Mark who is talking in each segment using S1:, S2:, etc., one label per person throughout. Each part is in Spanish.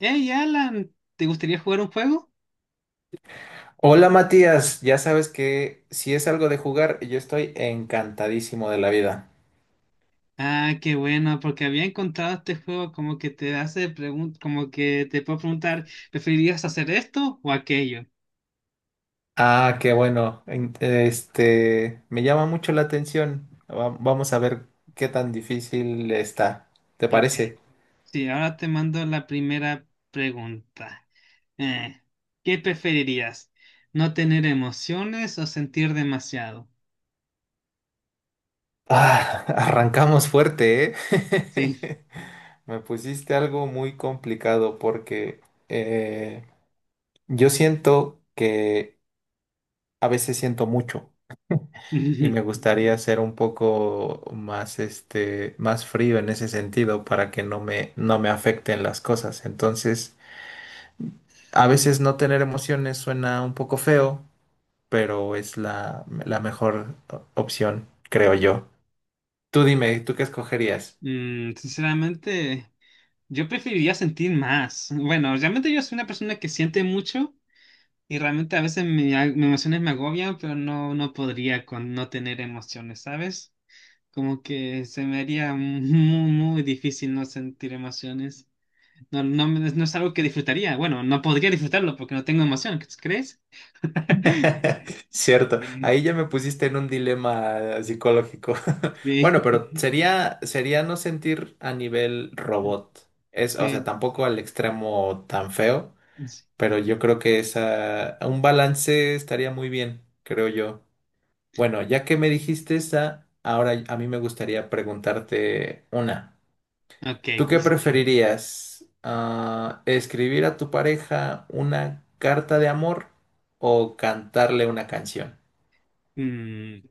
S1: Hey Alan, ¿te gustaría jugar un juego?
S2: Hola Matías, ya sabes que si es algo de jugar, yo estoy encantadísimo de la vida.
S1: Ah, qué bueno, porque había encontrado este juego como que te hace preguntas, como que te puedo preguntar, ¿preferirías hacer esto o aquello?
S2: Ah, qué bueno. Este, me llama mucho la atención. Vamos a ver qué tan difícil está. ¿Te
S1: Ok,
S2: parece?
S1: sí, ahora te mando la primera pregunta. Eh, ¿Qué preferirías? ¿No tener emociones o sentir demasiado?
S2: Ah, arrancamos fuerte,
S1: Sí.
S2: ¿eh? Me pusiste algo muy complicado porque eh, yo siento que a veces siento mucho. Y me gustaría ser un poco más, este, más frío en ese sentido para que no me afecten las cosas. Entonces, a veces no tener emociones suena un poco feo, pero es la mejor opción, creo yo. Tú dime, ¿tú qué escogerías?
S1: Sinceramente, yo preferiría sentir más. Bueno, realmente yo soy una persona que siente mucho. Y realmente a veces mis emociones me agobian, pero no, no podría con no tener emociones, ¿sabes? Como que se me haría muy, muy difícil no sentir emociones. No, no, no es algo que disfrutaría. Bueno, no podría disfrutarlo porque no tengo emoción, ¿crees?
S2: Cierto,
S1: Sí,
S2: ahí ya me pusiste en un dilema psicológico.
S1: sí,
S2: Bueno, pero sería no sentir a nivel robot. Es, o sea,
S1: sí.
S2: tampoco al extremo tan feo, pero yo creo que esa, un balance estaría muy bien, creo yo. Bueno, ya que me dijiste esa, ahora a mí me gustaría preguntarte una.
S1: Ok,
S2: ¿Tú qué preferirías? Ah, ¿escribir a tu pareja una carta de amor o cantarle una canción?
S1: mm,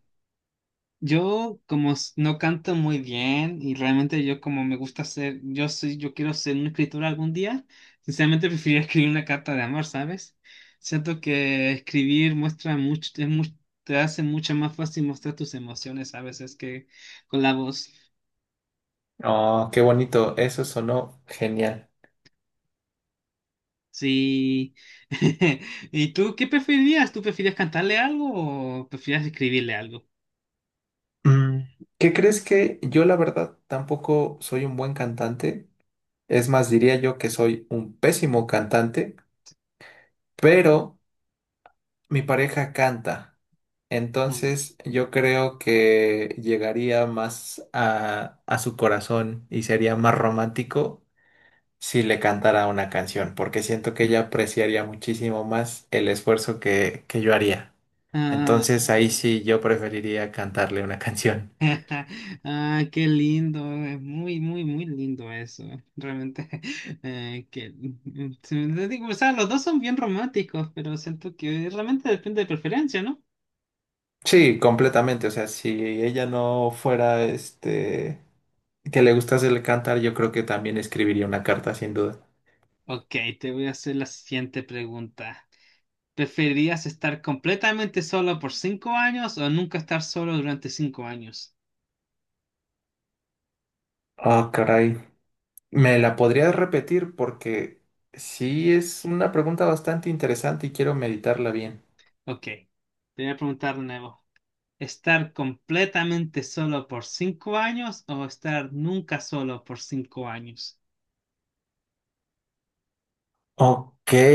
S1: yo no canto muy bien y realmente yo como me gusta ser, yo soy, yo quiero ser un escritor algún día, sinceramente preferiría escribir una carta de amor, ¿sabes? Siento que escribir muestra mucho, te hace mucho más fácil mostrar tus emociones a veces que con la voz.
S2: Oh, qué bonito, eso sonó genial.
S1: Sí. ¿Y tú qué preferirías? ¿Tú preferirías cantarle algo o preferirías escribirle algo?
S2: Mm, ¿qué crees? Que yo la verdad tampoco soy un buen cantante. Es más, diría yo que soy un pésimo cantante, pero mi pareja canta,
S1: Mm.
S2: entonces yo creo que llegaría más a su corazón y sería más romántico si le cantara una canción, porque siento que ella apreciaría muchísimo más el esfuerzo que yo haría. Entonces ahí sí yo preferiría cantarle una canción.
S1: Ah, qué lindo, es muy, muy, muy lindo eso. Realmente, que, mm, mm, se- te digo, o sea, los dos son bien románticos, pero siento que realmente depende de preferencia, ¿no?
S2: Sí, completamente. O sea, si ella no fuera este que le gustase el cantar, yo creo que también escribiría una carta sin duda.
S1: Ok, te voy a hacer la siguiente pregunta. ¿Preferirías estar completamente solo por 5 años o nunca estar solo durante 5 años?
S2: Ah, caray. Me la podrías repetir porque sí es una pregunta bastante interesante y quiero meditarla bien.
S1: Ok, te voy a preguntar de nuevo. ¿Estar completamente solo por cinco años o estar nunca solo por 5 años?
S2: Ok.
S1: Mm.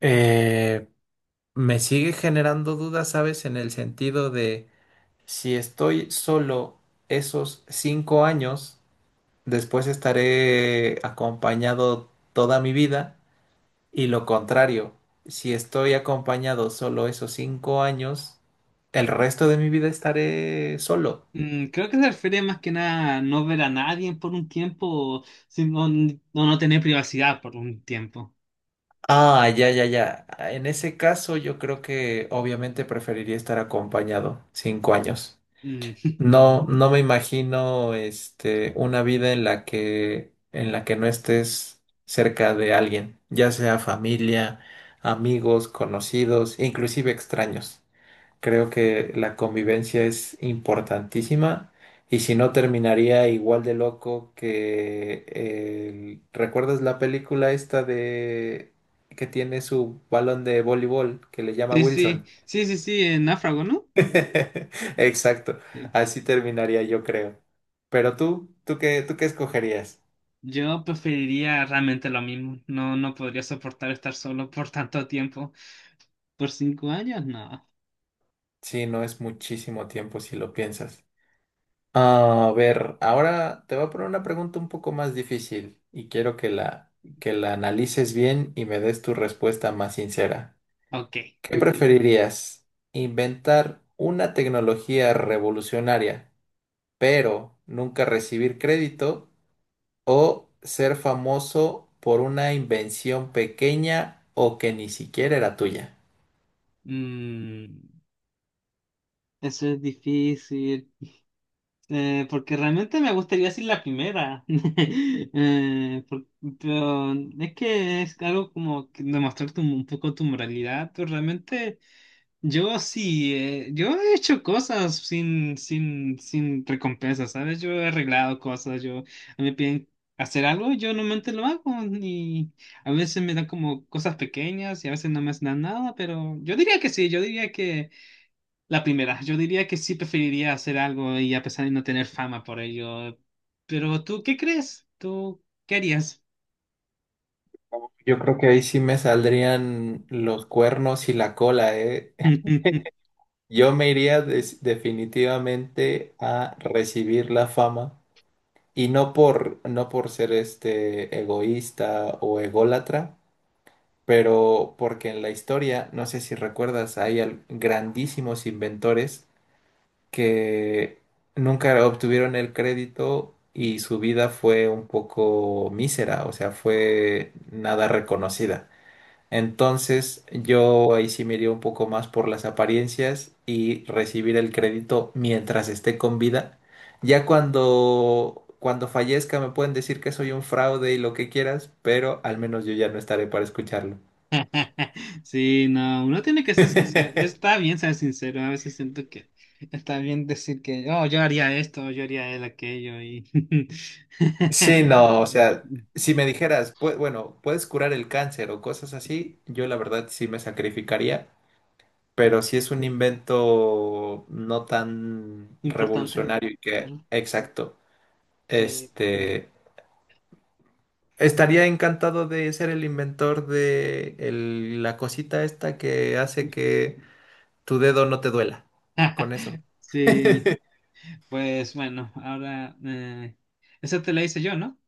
S2: eh, Me sigue generando dudas, ¿sabes? En el sentido de si estoy solo esos 5 años, después estaré acompañado toda mi vida. Y lo contrario, si estoy acompañado solo esos cinco años, el resto de mi vida estaré solo.
S1: Creo que se refiere más que nada a no ver a nadie por un tiempo, o no tener privacidad por un tiempo.
S2: Ah, ya, ya, ya. En ese caso, yo creo que obviamente preferiría estar acompañado 5 años.
S1: Mm,
S2: No, no me imagino, este, una vida en la que no estés cerca de alguien, ya sea familia, amigos, conocidos, inclusive extraños. Creo que la convivencia es importantísima y si no, terminaría igual de loco que ¿recuerdas la película esta de que tiene su balón de voleibol que le llama
S1: sí, sí,
S2: Wilson?
S1: sí, sí, sí, en náufrago, ¿no?
S2: Exacto,
S1: Sí.
S2: así terminaría yo creo. Pero tú, ¿tú qué escogerías?
S1: Yo preferiría realmente lo mismo. No, no podría soportar estar solo por tanto tiempo. ¿Por cinco años? No.
S2: Sí, no es muchísimo tiempo si lo piensas. A ver, ahora te voy a poner una pregunta un poco más difícil y quiero que que la analices bien y me des tu respuesta más sincera.
S1: Ok.
S2: ¿Qué Ok. preferirías? ¿Inventar una tecnología revolucionaria, pero nunca recibir crédito? ¿O ser famoso por una invención pequeña o que ni siquiera era tuya?
S1: Mm, eso es difícil. Porque realmente me gustaría decir la primera. Eh, por- pero es que es algo como que demostrar un poco tu moralidad, pero realmente yo sí, yo he hecho cosas sin recompensa, ¿sabes? Yo he arreglado cosas, yo a mí me piden hacer algo, yo normalmente lo hago, y a veces me dan como cosas pequeñas y a veces no me hacen nada, pero yo diría que sí, yo diría la primera, yo diría que sí preferiría hacer algo y a pesar de no tener fama por ello. Pero tú, ¿qué crees? ¿Tú qué harías?
S2: Yo creo que ahí sí me saldrían los cuernos y la cola, ¿eh? Yo me iría definitivamente a recibir la fama y no por ser este egoísta o ególatra, pero porque en la historia, no sé si recuerdas, hay grandísimos inventores que nunca obtuvieron el crédito y su vida fue un poco mísera, o sea, fue nada reconocida. Entonces, yo ahí sí me iría un poco más por las apariencias y recibir el crédito mientras esté con vida. Ya cuando fallezca me pueden decir que soy un fraude y lo que quieras, pero al menos yo ya no estaré para escucharlo.
S1: Sí, no, uno tiene que ser sincero. Está bien ser sincero. A veces siento que está bien decir que, oh, yo haría esto, yo haría él aquello y
S2: Sí, no, o sea, si me dijeras: bueno, puedes curar el cáncer o cosas así", yo la verdad sí me sacrificaría, pero si es un invento no tan
S1: importante.
S2: revolucionario
S1: Claro.
S2: exacto,
S1: Sí,
S2: este, estaría encantado de ser el inventor de la cosita esta que hace que tu dedo no te duela. Con eso.
S1: sí. Pues bueno, ahora esa te la hice yo, ¿no?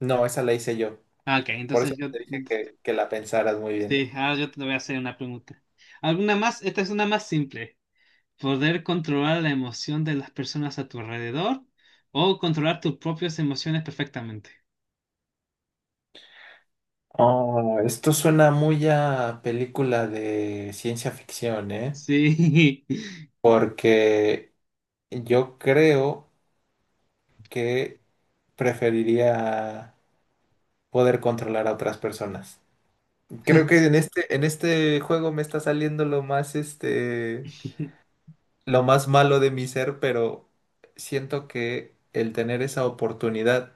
S2: No, esa la hice yo.
S1: Ah, ok,
S2: Por eso
S1: entonces yo.
S2: te dije que la pensaras muy bien.
S1: Sí, ahora yo te voy a hacer una pregunta. ¿Alguna más? Esta es una más simple. ¿Poder controlar la emoción de las personas a tu alrededor o controlar tus propias emociones perfectamente?
S2: Oh, esto suena muy a película de ciencia ficción, ¿eh?
S1: Sí,
S2: Porque yo creo que preferiría poder controlar a otras personas. Creo que en este juego me está saliendo lo más este lo más malo de mi ser, pero siento que el tener esa oportunidad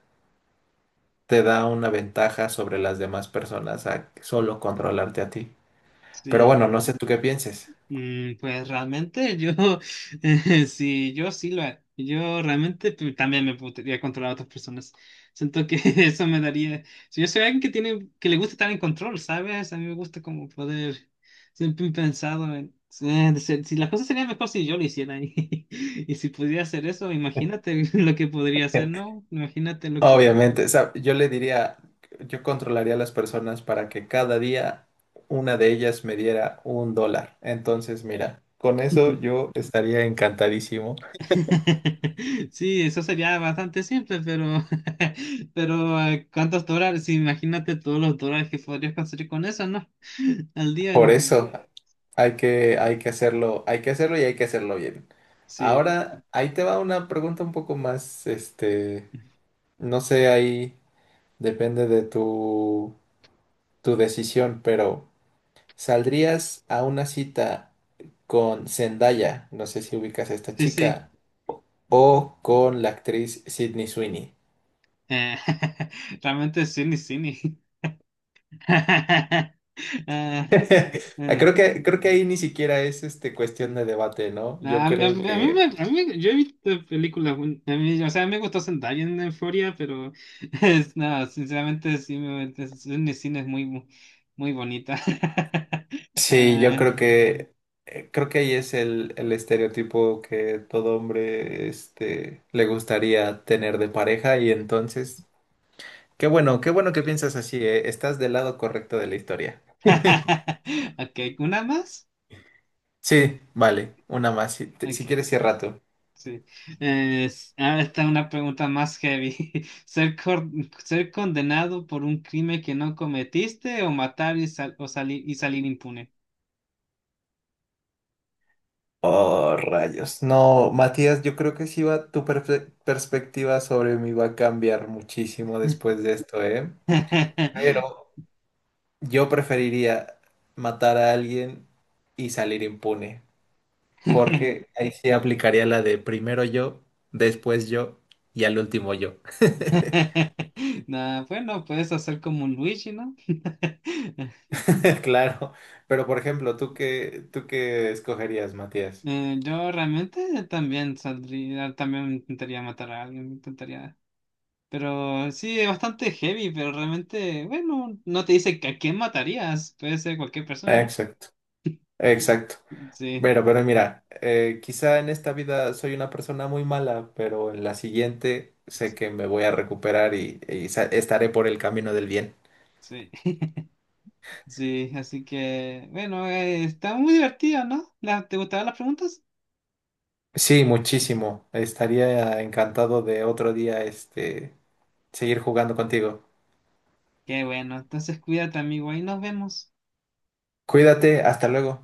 S2: te da una ventaja sobre las demás personas a solo controlarte a ti. Pero
S1: sí.
S2: bueno, no sé tú qué pienses.
S1: Pues realmente yo, sí, yo sí lo haría. Yo realmente también me podría controlar a otras personas. Siento que eso me daría. Si yo soy alguien que tiene, que le gusta estar en control, ¿sabes? A mí me gusta como poder. Siempre he pensado en. Si las cosas serían mejor si yo lo hiciera y si pudiera hacer eso, imagínate lo que podría hacer, ¿no? Imagínate lo que.
S2: Obviamente, o sea, yo le diría, yo controlaría a las personas para que cada día una de ellas me diera un dólar. Entonces, mira, con eso yo estaría encantadísimo.
S1: Sí, eso sería bastante simple, pero, pero ¿cuántos dólares? Sí, imagínate todos los dólares que podrías conseguir con eso, ¿no? Al día.
S2: Por eso. Hay hay que hacerlo y hay que hacerlo bien.
S1: Sí,
S2: Ahora, ahí te va una pregunta un poco más, este, no sé, ahí depende de tu decisión, pero ¿saldrías a una cita con Zendaya? No sé si ubicas a esta
S1: sí, sí.
S2: chica, o con la actriz Sydney Sweeney.
S1: Eh, realmente es cine, cine. Ah, eh,
S2: Creo que ahí ni siquiera es este
S1: mm.
S2: cuestión de debate, ¿no? Yo
S1: A mí,
S2: creo que
S1: yo he visto películas, a mí, o sea, me gustó Zendaya en Euphoria, pero es, no, sinceramente sí, cine, cine es muy, muy bonita.
S2: sí, yo creo que ahí es el estereotipo que todo hombre este, le gustaría tener de pareja y entonces, qué bueno que piensas así, estás del lado correcto de la historia.
S1: Ok, ¿una más?
S2: Sí, vale, una más, si, si
S1: Ok,
S2: quieres cierra tú.
S1: sí. Ahora está una pregunta más heavy. ¿Ser, cor- ¿Ser condenado por un crimen que no cometiste o matar y, sal- o salir y salir impune?
S2: Oh, rayos. No, Matías, yo creo que sí va, tu perspectiva sobre mí va a cambiar muchísimo después de esto, ¿eh? Pero yo preferiría matar a alguien y salir impune, porque ahí sí aplicaría la de primero yo, después yo y al último yo.
S1: Nah, bueno, puedes hacer como un Luigi, ¿no?
S2: Claro, pero por ejemplo, ¿tú qué escogerías, Matías?
S1: Yo realmente también saldría, también intentaría matar a alguien, intentaría. Pero sí, es bastante heavy, pero realmente, bueno, no te dice que a quién matarías. Puede ser cualquier persona, ¿no?
S2: Exacto, exacto.
S1: Sí,
S2: Pero mira, quizá en esta vida soy una persona muy mala, pero en la siguiente sé que me voy a recuperar y estaré por el camino del bien.
S1: sí, sí. Así que, bueno, está muy divertido, ¿no? ¿Te gustaban las preguntas?
S2: Sí, muchísimo. Estaría encantado de otro día, este, seguir jugando contigo.
S1: Qué bueno, entonces cuídate, amigo, ahí nos vemos.
S2: Cuídate, hasta luego.